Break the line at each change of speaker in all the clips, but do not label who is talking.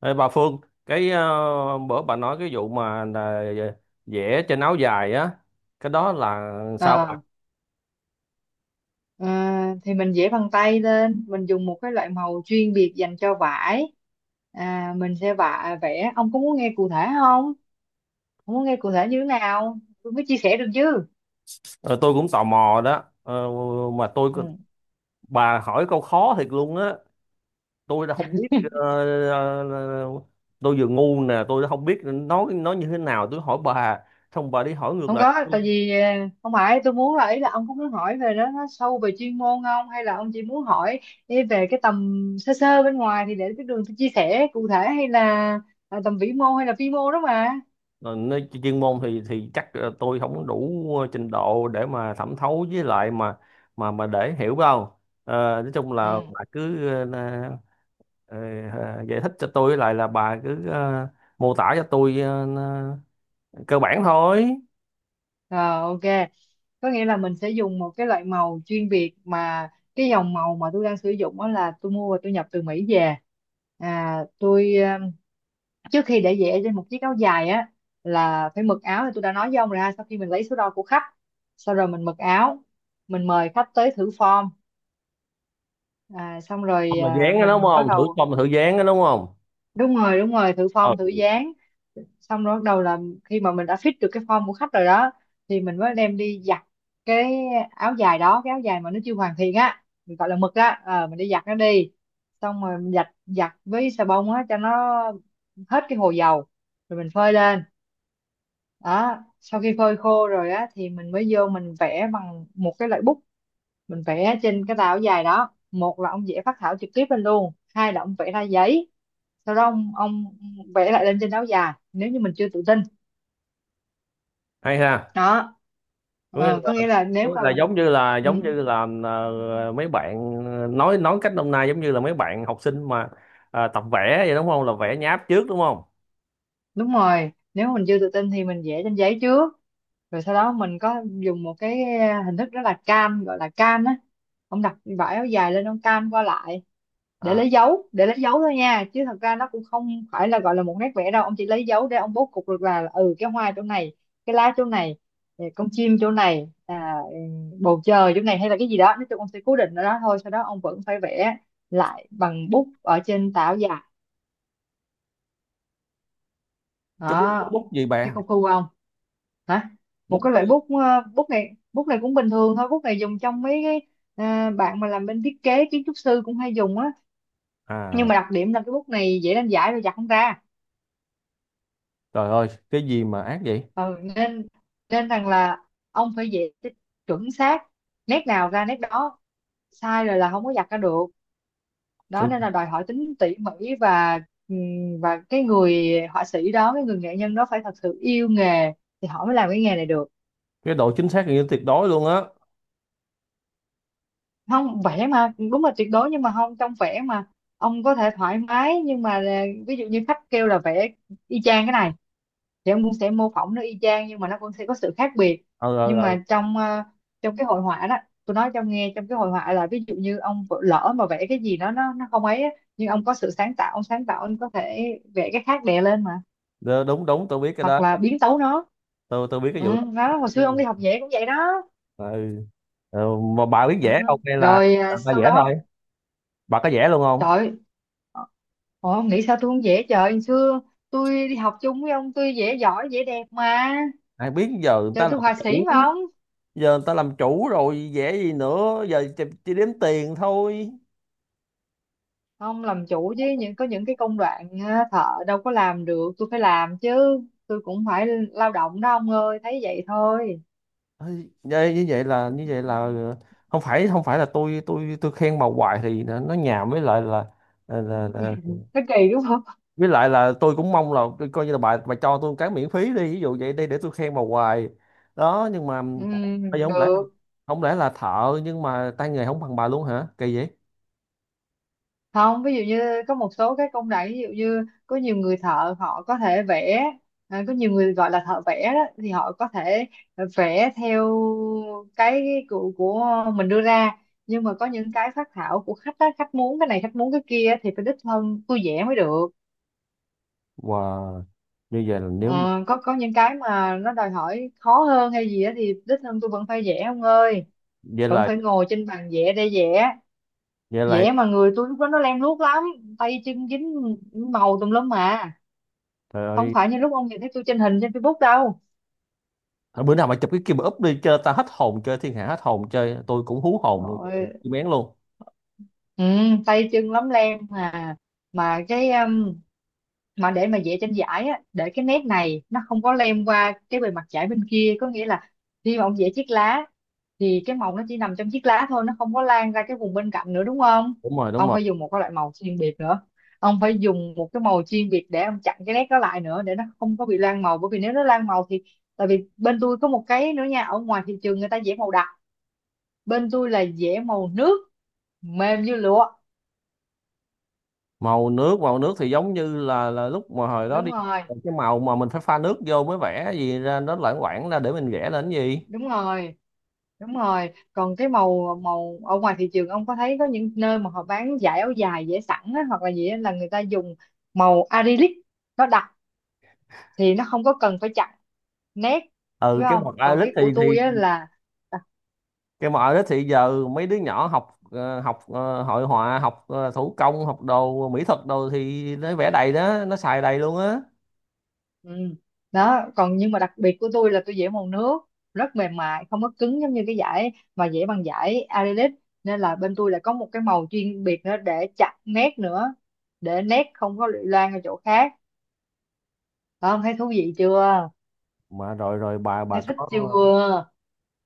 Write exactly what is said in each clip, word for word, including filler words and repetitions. Ê, bà Phương, cái ờ, bữa bà nói cái vụ mà là vẽ trên áo dài á, cái đó là sao bà?
Ờ, ờ, thì mình vẽ bằng tay lên, mình dùng một cái loại màu chuyên biệt dành cho vải. À, mình sẽ vạ, vẽ. Ông có muốn nghe cụ thể không? Ông muốn nghe cụ thể như thế nào tôi mới chia sẻ được chứ.
Ờ, tôi cũng tò mò đó. Ờ, mà tôi
Ừ.
Bà hỏi câu khó thiệt luôn á, tôi đã không biết, ờ, ờ, ờ, tôi vừa ngu nè, tôi đã không biết nói nói như thế nào, tôi hỏi bà, xong bà đi hỏi ngược
Không
lại.
có, tại vì ờ, không phải tôi muốn, là ý là ông có muốn hỏi về đó nó sâu về chuyên môn không, hay là ông chỉ muốn hỏi ý về cái tầm sơ sơ bên ngoài thì để cái đường tôi chia sẻ cụ thể, hay là, là tầm vĩ mô hay là vi mô đó mà.
Ờ, Nơi chuyên môn thì thì chắc ờ, tôi không đủ trình độ để mà thẩm thấu với lại mà mà mà để hiểu đâu. Ờ, nói chung là
Ừ.
bà cứ ờ, Ờ, à, giải thích cho tôi lại, là bà cứ ờ, mô tả cho tôi ờ, cơ bản thôi.
Rồi, ok. Có nghĩa là mình sẽ dùng một cái loại màu chuyên biệt, mà cái dòng màu mà tôi đang sử dụng đó là tôi mua và tôi nhập từ Mỹ về. À tôi um, trước khi để vẽ trên một chiếc áo dài á là phải mực áo, thì tôi đã nói với ông rồi, sau khi mình lấy số đo của khách sau rồi mình mực áo, mình mời khách tới thử form. À, xong rồi
Không là
à,
dán đó đúng
mình bắt
không, thử
đầu.
không là thử dán đó đúng không?
Đúng rồi, đúng rồi, thử form thử
Ừ,
dáng, xong rồi bắt đầu là khi mà mình đã fit được cái form của khách rồi đó thì mình mới đem đi giặt cái áo dài đó. Cái áo dài mà nó chưa hoàn thiện á mình gọi là mực á, ờ, mình đi giặt nó đi, xong rồi mình giặt giặt với xà bông á cho nó hết cái hồ dầu, rồi mình phơi lên. Đó, sau khi phơi khô rồi á thì mình mới vô mình vẽ bằng một cái loại bút. Mình vẽ trên cái tàu dài đó, một là ông vẽ phác thảo trực tiếp lên luôn, hai là ông vẽ ra giấy sau đó ông ông vẽ lại lên trên áo dài nếu như mình chưa tự tin.
hay ha.
Đó.
Có nghĩa
Ờ,
là,
có nghĩa là
có
nếu
nghĩa
mà
là giống như là,
ừ,
giống như là ờ, mấy bạn ờ, nói nói cách hôm nay giống như là mấy bạn học sinh mà ờ, tập vẽ vậy đúng không, là vẽ nháp trước đúng không?
đúng rồi, nếu mà mình chưa tự tin thì mình vẽ trên giấy trước, rồi sau đó mình có dùng một cái ờ, hình thức rất là cam gọi là cam á, ông đặt vải áo dài lên ông cam qua lại để
À,
lấy dấu. Để lấy dấu thôi nha, chứ thật ra nó cũng không phải là gọi là một nét vẽ đâu, ông chỉ lấy dấu để ông bố cục được là ừ cái hoa chỗ này, cái lá chỗ này, ừ, con chim chỗ này, à, ừ, bầu trời chỗ này, hay là cái gì đó. Nói chung ông sẽ cố định ở đó thôi, sau đó ông vẫn phải vẽ lại bằng bút ở trên tảo dài.
cái bút, cái
Đó.
bút gì
Thấy
bà?
công phu không? Hả? Một
Bút
cái
có
loại bút ờ, bút này bút này cũng bình thường thôi, bút này dùng trong mấy cái ờ, bạn mà làm bên thiết kế kiến trúc sư cũng hay dùng á, nhưng
À,
mà đặc điểm là cái bút này dễ đánh giải rồi giặt không ra.
trời ơi, cái gì mà ác vậy!
Ừ, nên nên rằng là ông phải dễ chuẩn xác, nét nào ra nét đó, sai rồi là không có giặt ra được. Đó,
cái
nên là đòi hỏi tính tỉ mỉ và ừm, và cái người họa sĩ đó, cái người nghệ nhân đó phải thật sự yêu nghề thì họ mới làm cái nghề này được.
cái độ chính xác gần như tuyệt đối luôn á.
Không vẽ mà đúng là tuyệt đối, nhưng mà không, trong vẽ mà ông có thể thoải mái, nhưng mà là ví dụ như khách kêu là vẽ y chang cái này thì ông cũng sẽ mô phỏng nó y chang, nhưng mà nó cũng sẽ có sự khác biệt.
ờ ờ
Nhưng
ờ,
mà trong ờ, trong cái hội họa đó, tôi nói cho ông nghe, trong cái hội họa là ví dụ như ông vỡ- lỡ mà vẽ cái gì đó nó nó không ấy á, nhưng ông có sự sáng tạo, ông sáng tạo ông có thể vẽ cái khác đè lên mà,
Đ- đúng đúng tôi biết cái
hoặc
đó,
là biến tấu nó.
tôi tôi biết cái
Ừ,
vụ đó.
đó, hồi xưa ông đi học vẽ cũng vậy đó.
Ừ. Ừ. Mà bà biết
Ừ.
vẽ không hay là
Rồi, à,
bà
sau
vẽ thôi
đó.
bà có vẽ luôn không?
Trời. Ôi, ông nghĩ sao tôi không vẽ trời. Hồi xưa tôi đi học chung với ông, tôi vẽ giỏi vẽ đẹp mà.
Ai biết, giờ người
Trời,
ta làm
tôi họa sĩ
chủ
mà ông.
giờ người ta làm chủ rồi, vẽ gì nữa, giờ chỉ, chỉ đếm tiền thôi.
Ông làm chủ chứ, những có những cái công đoạn ờ, thợ đâu có làm được, tôi phải làm chứ. Tôi cũng phải lao động đó ông ơi, thấy vậy thôi.
Ây, như như vậy là như vậy là ờ, không phải không phải là tôi tôi tôi khen bà hoài thì nó nó nhàm, với lại là là, là, là
Nó kỳ đúng không?
với lại là tôi cũng mong là tôi coi như là bà bà cho tôi cái miễn phí đi, ví dụ vậy đi, để tôi khen bà hoài đó. Nhưng mà
Ừ,
bây giờ không lẽ
được.
không lẽ là thợ nhưng mà tay nghề không bằng bà luôn hả, kỳ vậy?
Không, ví dụ như có một số cái công đoạn, ví dụ như có nhiều người thợ họ có thể vẽ, à, có nhiều người gọi là thợ vẽ đó thì họ có thể vẽ theo cái của, của mình đưa ra, nhưng mà có những cái phác thảo của khách á, khách muốn cái này, khách muốn cái kia thì phải đích thân tôi vẽ mới được.
Wow, như vậy là nếu
Ờ, có có những cái mà nó đòi hỏi khó hơn hay gì á thì đích thân tôi vẫn phải vẽ ông ơi,
vậy
vẫn
là
phải ngồi trên bàn vẽ để vẽ.
vậy là
Vẽ mà người tôi lúc đó nó lem luốc lắm, tay chân dính màu tùm lum mà,
trời
không
ơi.
phải như lúc ông nhìn thấy tôi trên hình trên Facebook đâu.
Thôi, bữa nào mà chụp cái kia mà úp đi chơi, ta hết hồn, chơi thiên hạ hết hồn, chơi tôi cũng hú hồn,
Rồi,
kim bén luôn.
ừ, tay chân lắm lem mà mà cái um, mà để mà vẽ trên giải á, để cái nét này nó không có lem qua cái bề mặt giải bên kia, có nghĩa là khi mà ông vẽ chiếc lá thì cái màu nó chỉ nằm trong chiếc lá thôi, nó không có lan ra cái vùng bên cạnh nữa, đúng không.
Đúng rồi, đúng
Ông
rồi.
phải dùng một cái loại màu chuyên biệt nữa, ông phải dùng một cái màu chuyên biệt để ông chặn cái nét đó lại nữa, để nó không có bị lan màu, bởi vì nếu nó lan màu thì, tại vì bên tôi có một cái nữa nha, ở ngoài thị trường người ta vẽ màu đậm, bên tôi là dẻ màu nước, mềm như lụa.
Màu nước, màu nước thì giống như là là lúc mà hồi đó
Đúng
đi học,
rồi,
cái màu mà mình phải pha nước vô mới vẽ gì ra nó loãng quảng ra để mình vẽ lên cái gì.
đúng rồi, đúng rồi, còn cái màu, màu ở ngoài thị trường ông có thấy có những nơi mà họ bán dải áo dài dẻ sẵn á, hoặc là gì á, là người ta dùng màu acrylic, nó đặc thì nó không có cần phải chặn nét,
Ừ,
phải
cái
không.
môn
Còn
Irish
cái
thì
của
thì
tôi á là
cái môn Irish thì giờ mấy đứa nhỏ học ờ, học ờ, hội họa, học ờ, thủ công, học đồ mỹ thuật đồ thì nó vẽ đầy đó, nó xài đầy luôn á.
Ừ. Đó, còn nhưng mà đặc biệt của tôi là tôi vẽ màu nước, rất mềm mại, không có cứng giống như cái giải mà vẽ bằng giải acrylic, nên là bên tôi lại có một cái màu chuyên biệt nữa để chặt nét nữa, để nét không có loang ở chỗ khác. Không, thấy thú vị chưa?
Mà rồi rồi bà bà
Thấy thích
có
chưa?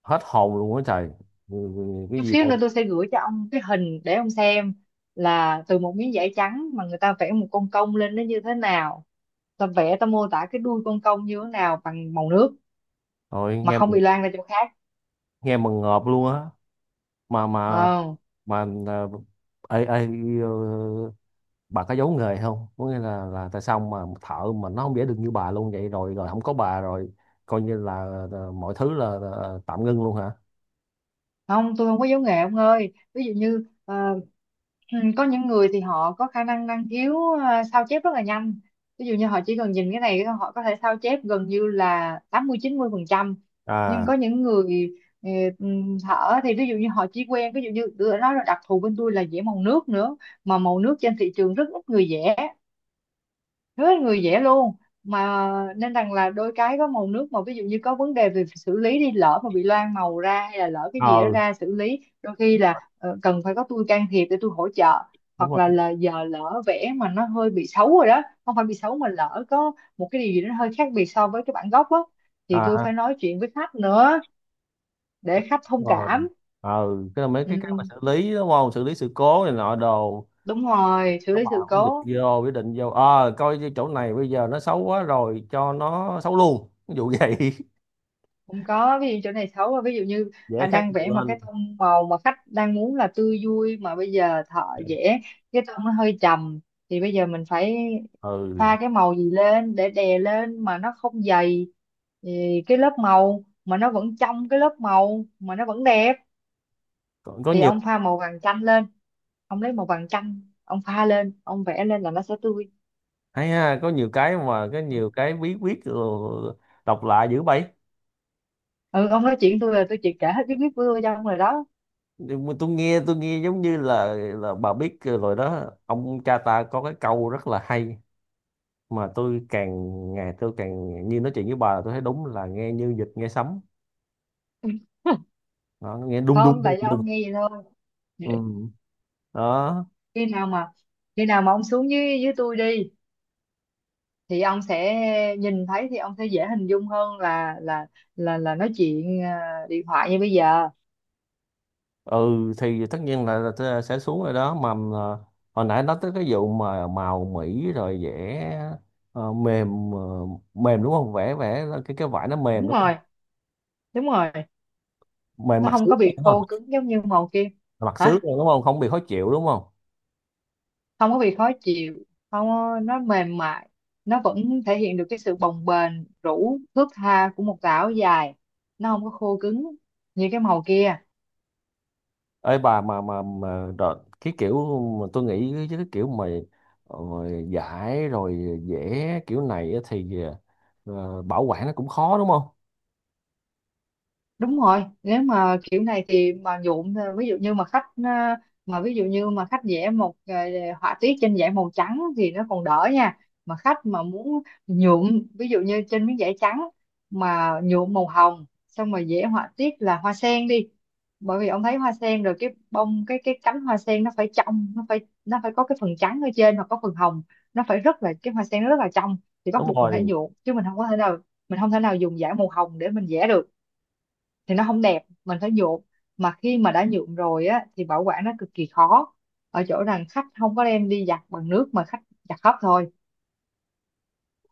hết hồn luôn á trời. Ừ, ừ, cái
Chút
gì
xíu
đâu.
nữa tôi sẽ gửi cho ông cái hình để ông xem là từ một miếng giải trắng mà người ta vẽ một con công lên nó như thế nào. Ta vẽ, ta mô tả cái đuôi con công như thế nào bằng màu nước
Rồi
mà
nghe mà-
không bị loang ra chỗ khác.
nghe mà ngợp luôn á. Mà mà
Ờ.
mà ờ, ê, ê, ờ, bà có giấu nghề không, có nghĩa là là tại sao mà thợ mà nó không vẽ được như bà luôn vậy, rồi rồi không có bà rồi coi như là, là mọi thứ là, là tạm ngưng luôn hả?
Không, tôi không có giấu nghề ông ơi, ví dụ như ờ, ừ, có những người thì họ có khả năng, năng khiếu, à, sao chép rất là nhanh, ví dụ như họ chỉ cần nhìn cái này họ có thể sao chép gần như là tám mươi chín mươi phần trăm. Nhưng
À,
có những người ờ, ừm, thở thì, ví dụ như họ chỉ quen, ví dụ như tôi đã nói là đặc thù bên tôi là vẽ màu nước nữa, mà màu nước trên thị trường rất ít người vẽ, rất người dễ luôn mà, nên rằng là đôi cái có màu nước mà ví dụ như có vấn đề về xử lý đi, lỡ mà bị loang màu ra hay là lỡ cái gì đó
ờ
ra, xử lý đôi khi là ờ, cần phải có tôi can thiệp để tôi hỗ trợ.
đúng
Hoặc
rồi.
là là giờ lỡ vẽ mà nó hơi bị xấu rồi đó, không phải bị xấu mà lỡ có một cái điều gì đó hơi khác biệt so với cái bản gốc á, thì tôi
À,
phải nói chuyện với khách nữa, để khách thông
đúng rồi.
cảm.
ờ cái mấy cái cách mà
Ừ,
xử lý đúng không, xử lý sự cố này nọ đồ.
đúng rồi, xử
Các
lý
bạn
sự
quyết định
cố.
vô quyết định vô ờ coi như chỗ này bây giờ nó xấu quá rồi, cho nó xấu luôn, ví dụ vậy.
Không có, ví dụ chỗ này xấu, ví dụ như
Dễ
à,
khác
đang
nhiều
vẽ mà
lên.
cái tông màu mà khách đang muốn là tươi vui, mà bây giờ thợ vẽ cái tông nó hơi trầm, thì bây giờ mình phải
Ừ,
pha cái màu gì lên để đè lên mà nó không dày, thì cái lớp màu mà nó vẫn trong, cái lớp màu mà nó vẫn đẹp,
có, có
thì
nhiều.
ông pha màu vàng chanh lên, ông lấy màu vàng chanh ông pha lên ông vẽ lên là nó sẽ tươi.
Hay ha, có nhiều cái mà có nhiều cái bí quyết rồi, đọc lạ dữ vậy.
Ừ, ông nói chuyện tôi là tôi chỉ kể hết cái biết của tôi cho ông rồi đó.
Nhưng mà tôi nghe tôi nghe giống như là là bà biết rồi đó, ông cha ta có cái câu rất là hay, mà tôi càng ngày tôi càng như nói chuyện với bà là tôi thấy đúng là nghe như vịt nghe sấm. Đó, nó nghe đung
Không,
đung đung
tại do
đung.
ông nghe vậy thôi.
Ừ. Đó.
Khi nào mà, khi nào mà ông xuống dưới dưới tôi đi, thì ông sẽ nhìn thấy, thì ông sẽ dễ hình dung hơn là là là là nói chuyện ờ, điện thoại như bây giờ.
Ừ, thì tất nhiên là, là tôi sẽ xuống rồi đó mà. À, hồi nãy nói tới cái vụ mà màu mĩ rồi vẽ ờ, mềm ờ, mềm đúng không, vẽ vẽ cái cái vải nó mềm
Đúng
đúng không?
rồi. Đúng rồi,
Mềm,
nó
mặt
không
xước
có bị
đúng không
khô cứng giống như màu kia.
mặt xước
Hả?
đúng không, không bị khó chịu đúng không?
Không có bị khó chịu. Không có- Nó mềm mại, nó vẫn thể hiện được cái sự bồng bềnh, rũ thướt tha của một tà áo dài, nó không có khô cứng như cái màu kia.
Ấy bà, mà mà mà đợt, cái kiểu mà tôi nghĩ chứ cái kiểu mà ờ, giải rồi vẽ kiểu này á thì ờ, bảo quản nó cũng khó đúng không?
Đúng rồi, nếu mà kiểu này thì mà nhuộm, ờ, ví dụ như mà khách, ờ, mà ví dụ như mà khách vẽ một, ờ, họa tiết trên giấy màu trắng thì nó còn đỡ nha. Mà khách mà muốn nhuộm, ví dụ như trên miếng giấy trắng mà nhuộm màu hồng xong rồi vẽ họa tiết là hoa sen đi. Bởi vì ông thấy hoa sen rồi, cái bông, cái cái cánh hoa sen nó phải trong, nó phải nó phải có cái phần trắng ở trên hoặc có phần hồng. Nó phải rất là, cái hoa sen nó rất là trong, thì bắt
Đúng
buộc mình phải
rồi.
nhuộm chứ mình không có thể nào, mình không thể nào dùng giải màu hồng để mình vẽ được, thì nó không đẹp, mình phải nhuộm. Mà khi mà đã nhuộm rồi á thì bảo quản nó cực kỳ khó, ở chỗ rằng khách không có đem đi giặt bằng nước mà khách giặt khắp thôi,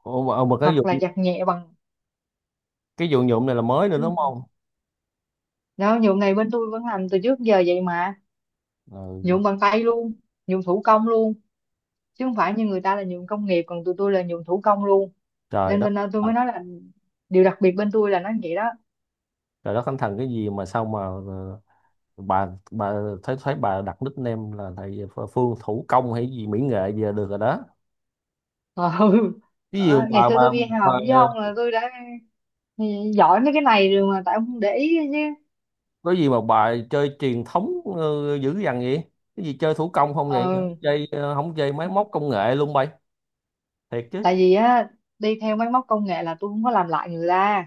Ồ, mà ờ, mà cái
hoặc
dụng
là giặt nhẹ bằng.
cái dụng nhuộm này là mới nữa đúng không?
Đó, nhuộm này bên tôi vẫn làm từ trước giờ vậy mà,
Ờ,
nhuộm bằng tay luôn, nhuộm thủ công luôn, chứ không phải như người ta là nhuộm công nghiệp, còn tụi tôi là nhuộm thủ công luôn.
trời
Nên
đất
bên tôi
ờ,
mới nói là điều đặc biệt bên tôi là nó vậy đó.
trời đất thánh thần, cái gì mà sao mà ờ, bà bà thấy thấy bà đặt nickname là thầy Phương thủ công hay gì mỹ nghệ gì là được rồi đó.
Ờ, ừ.
Ví dụ
Ờ, ngày
bà
xưa
bà
tôi đi
bà
học với ông là tôi đã giỏi mấy cái này rồi mà tại ông không để ý chứ.
có gì mà bà chơi truyền thống ờ, dữ dằn vậy, cái gì chơi thủ công không vậy,
Ừ.
chơi ờ, không chơi máy móc công nghệ luôn bay, thiệt chứ?
Tại vì á, đi theo máy móc công nghệ là tôi không có làm lại người ta.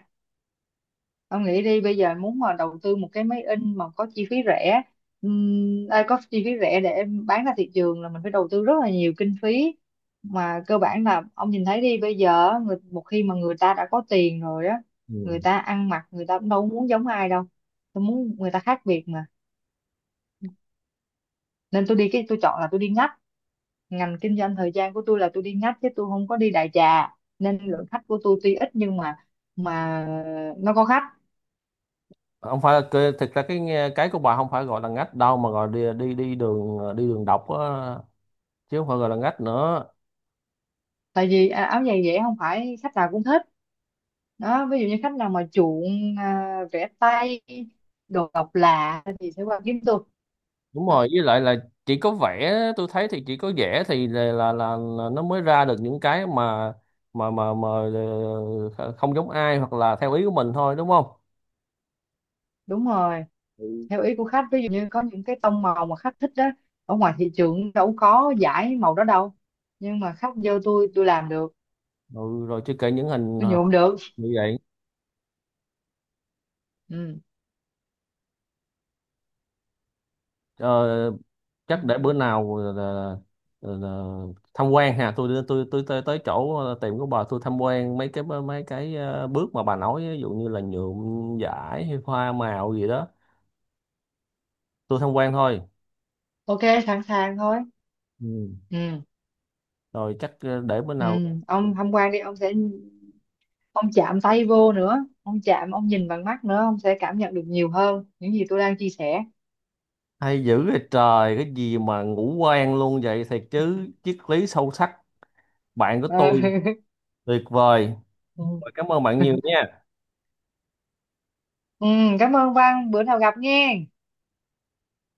Ông nghĩ đi, bây giờ muốn mà đầu tư một cái máy in mà có chi phí rẻ, ừm, ai có chi phí rẻ để bán ra thị trường là mình phải đầu tư rất là nhiều kinh phí. Mà cơ bản là ông nhìn thấy đi, bây giờ á, người, một khi mà người ta đã có tiền rồi á, người
Ừ.
ta ăn mặc người ta cũng đâu muốn giống ai đâu, tôi muốn người ta khác biệt mà. Nên tôi đi, cái tôi chọn là tôi đi ngách. Ngành kinh doanh thời gian của tôi là tôi đi ngách chứ tôi không có đi đại trà, nên lượng khách của tôi tuy ít nhưng mà mà nó có khách.
không phải là cái- thực ra cái nghe- Cái của bà không phải gọi là ngách đâu, mà gọi đi đi đi đường ờ, đi đường độc á, chứ không phải gọi là ngách nữa.
Tại vì à, áo giày dễ không phải khách nào cũng thích. Đó, ví dụ như khách nào mà chuộng à, vẽ tay, đồ độc lạ thì sẽ qua kiếm tôi.
Đúng
Đó.
rồi, với lại là chỉ có vẽ, tôi thấy, thì chỉ có vẽ thì là là, là, là nó mới ra được những cái mà mà mà mà ờ, không giống ai, hoặc là theo ý của mình thôi đúng không?
Đúng rồi, theo ý của khách, ví dụ như có những cái tông màu mà khách thích đó, ở ngoài thị trường đâu có giải màu đó đâu, nhưng mà khách vô tôi tôi làm được,
Ừ, rồi chưa kể những hình
tôi nhuộm được.
như vậy.
Ừ.
Ờ, chắc để bữa nào là, là, là tham quan ha, tôi tôi tôi tới, tới chỗ ờ, tiệm của bà, tôi tham quan mấy cái mấy cái ờ, bước mà bà nói ví dụ như là nhuộm vải hay hoa màu gì đó, tôi tham quan thôi.
Ok, sẵn sàng thôi.
Ừ.
Ừ.
Rồi chắc ờ, để bữa
Ừ.
nào.
Ông tham quan đi, ông sẽ, ông chạm tay vô nữa, ông chạm, ông nhìn bằng mắt nữa, ông sẽ cảm nhận được nhiều hơn những gì tôi đang chia sẻ.
Hay dữ vậy trời, cái gì mà ngủ quen luôn vậy, thiệt chứ, triết lý sâu sắc, bạn của tôi
Ờ.
tuyệt vời.
Ừ.
Rồi, cảm ơn bạn nhiều nha.
Ừ, cảm ơn Văn, bữa nào gặp nghe.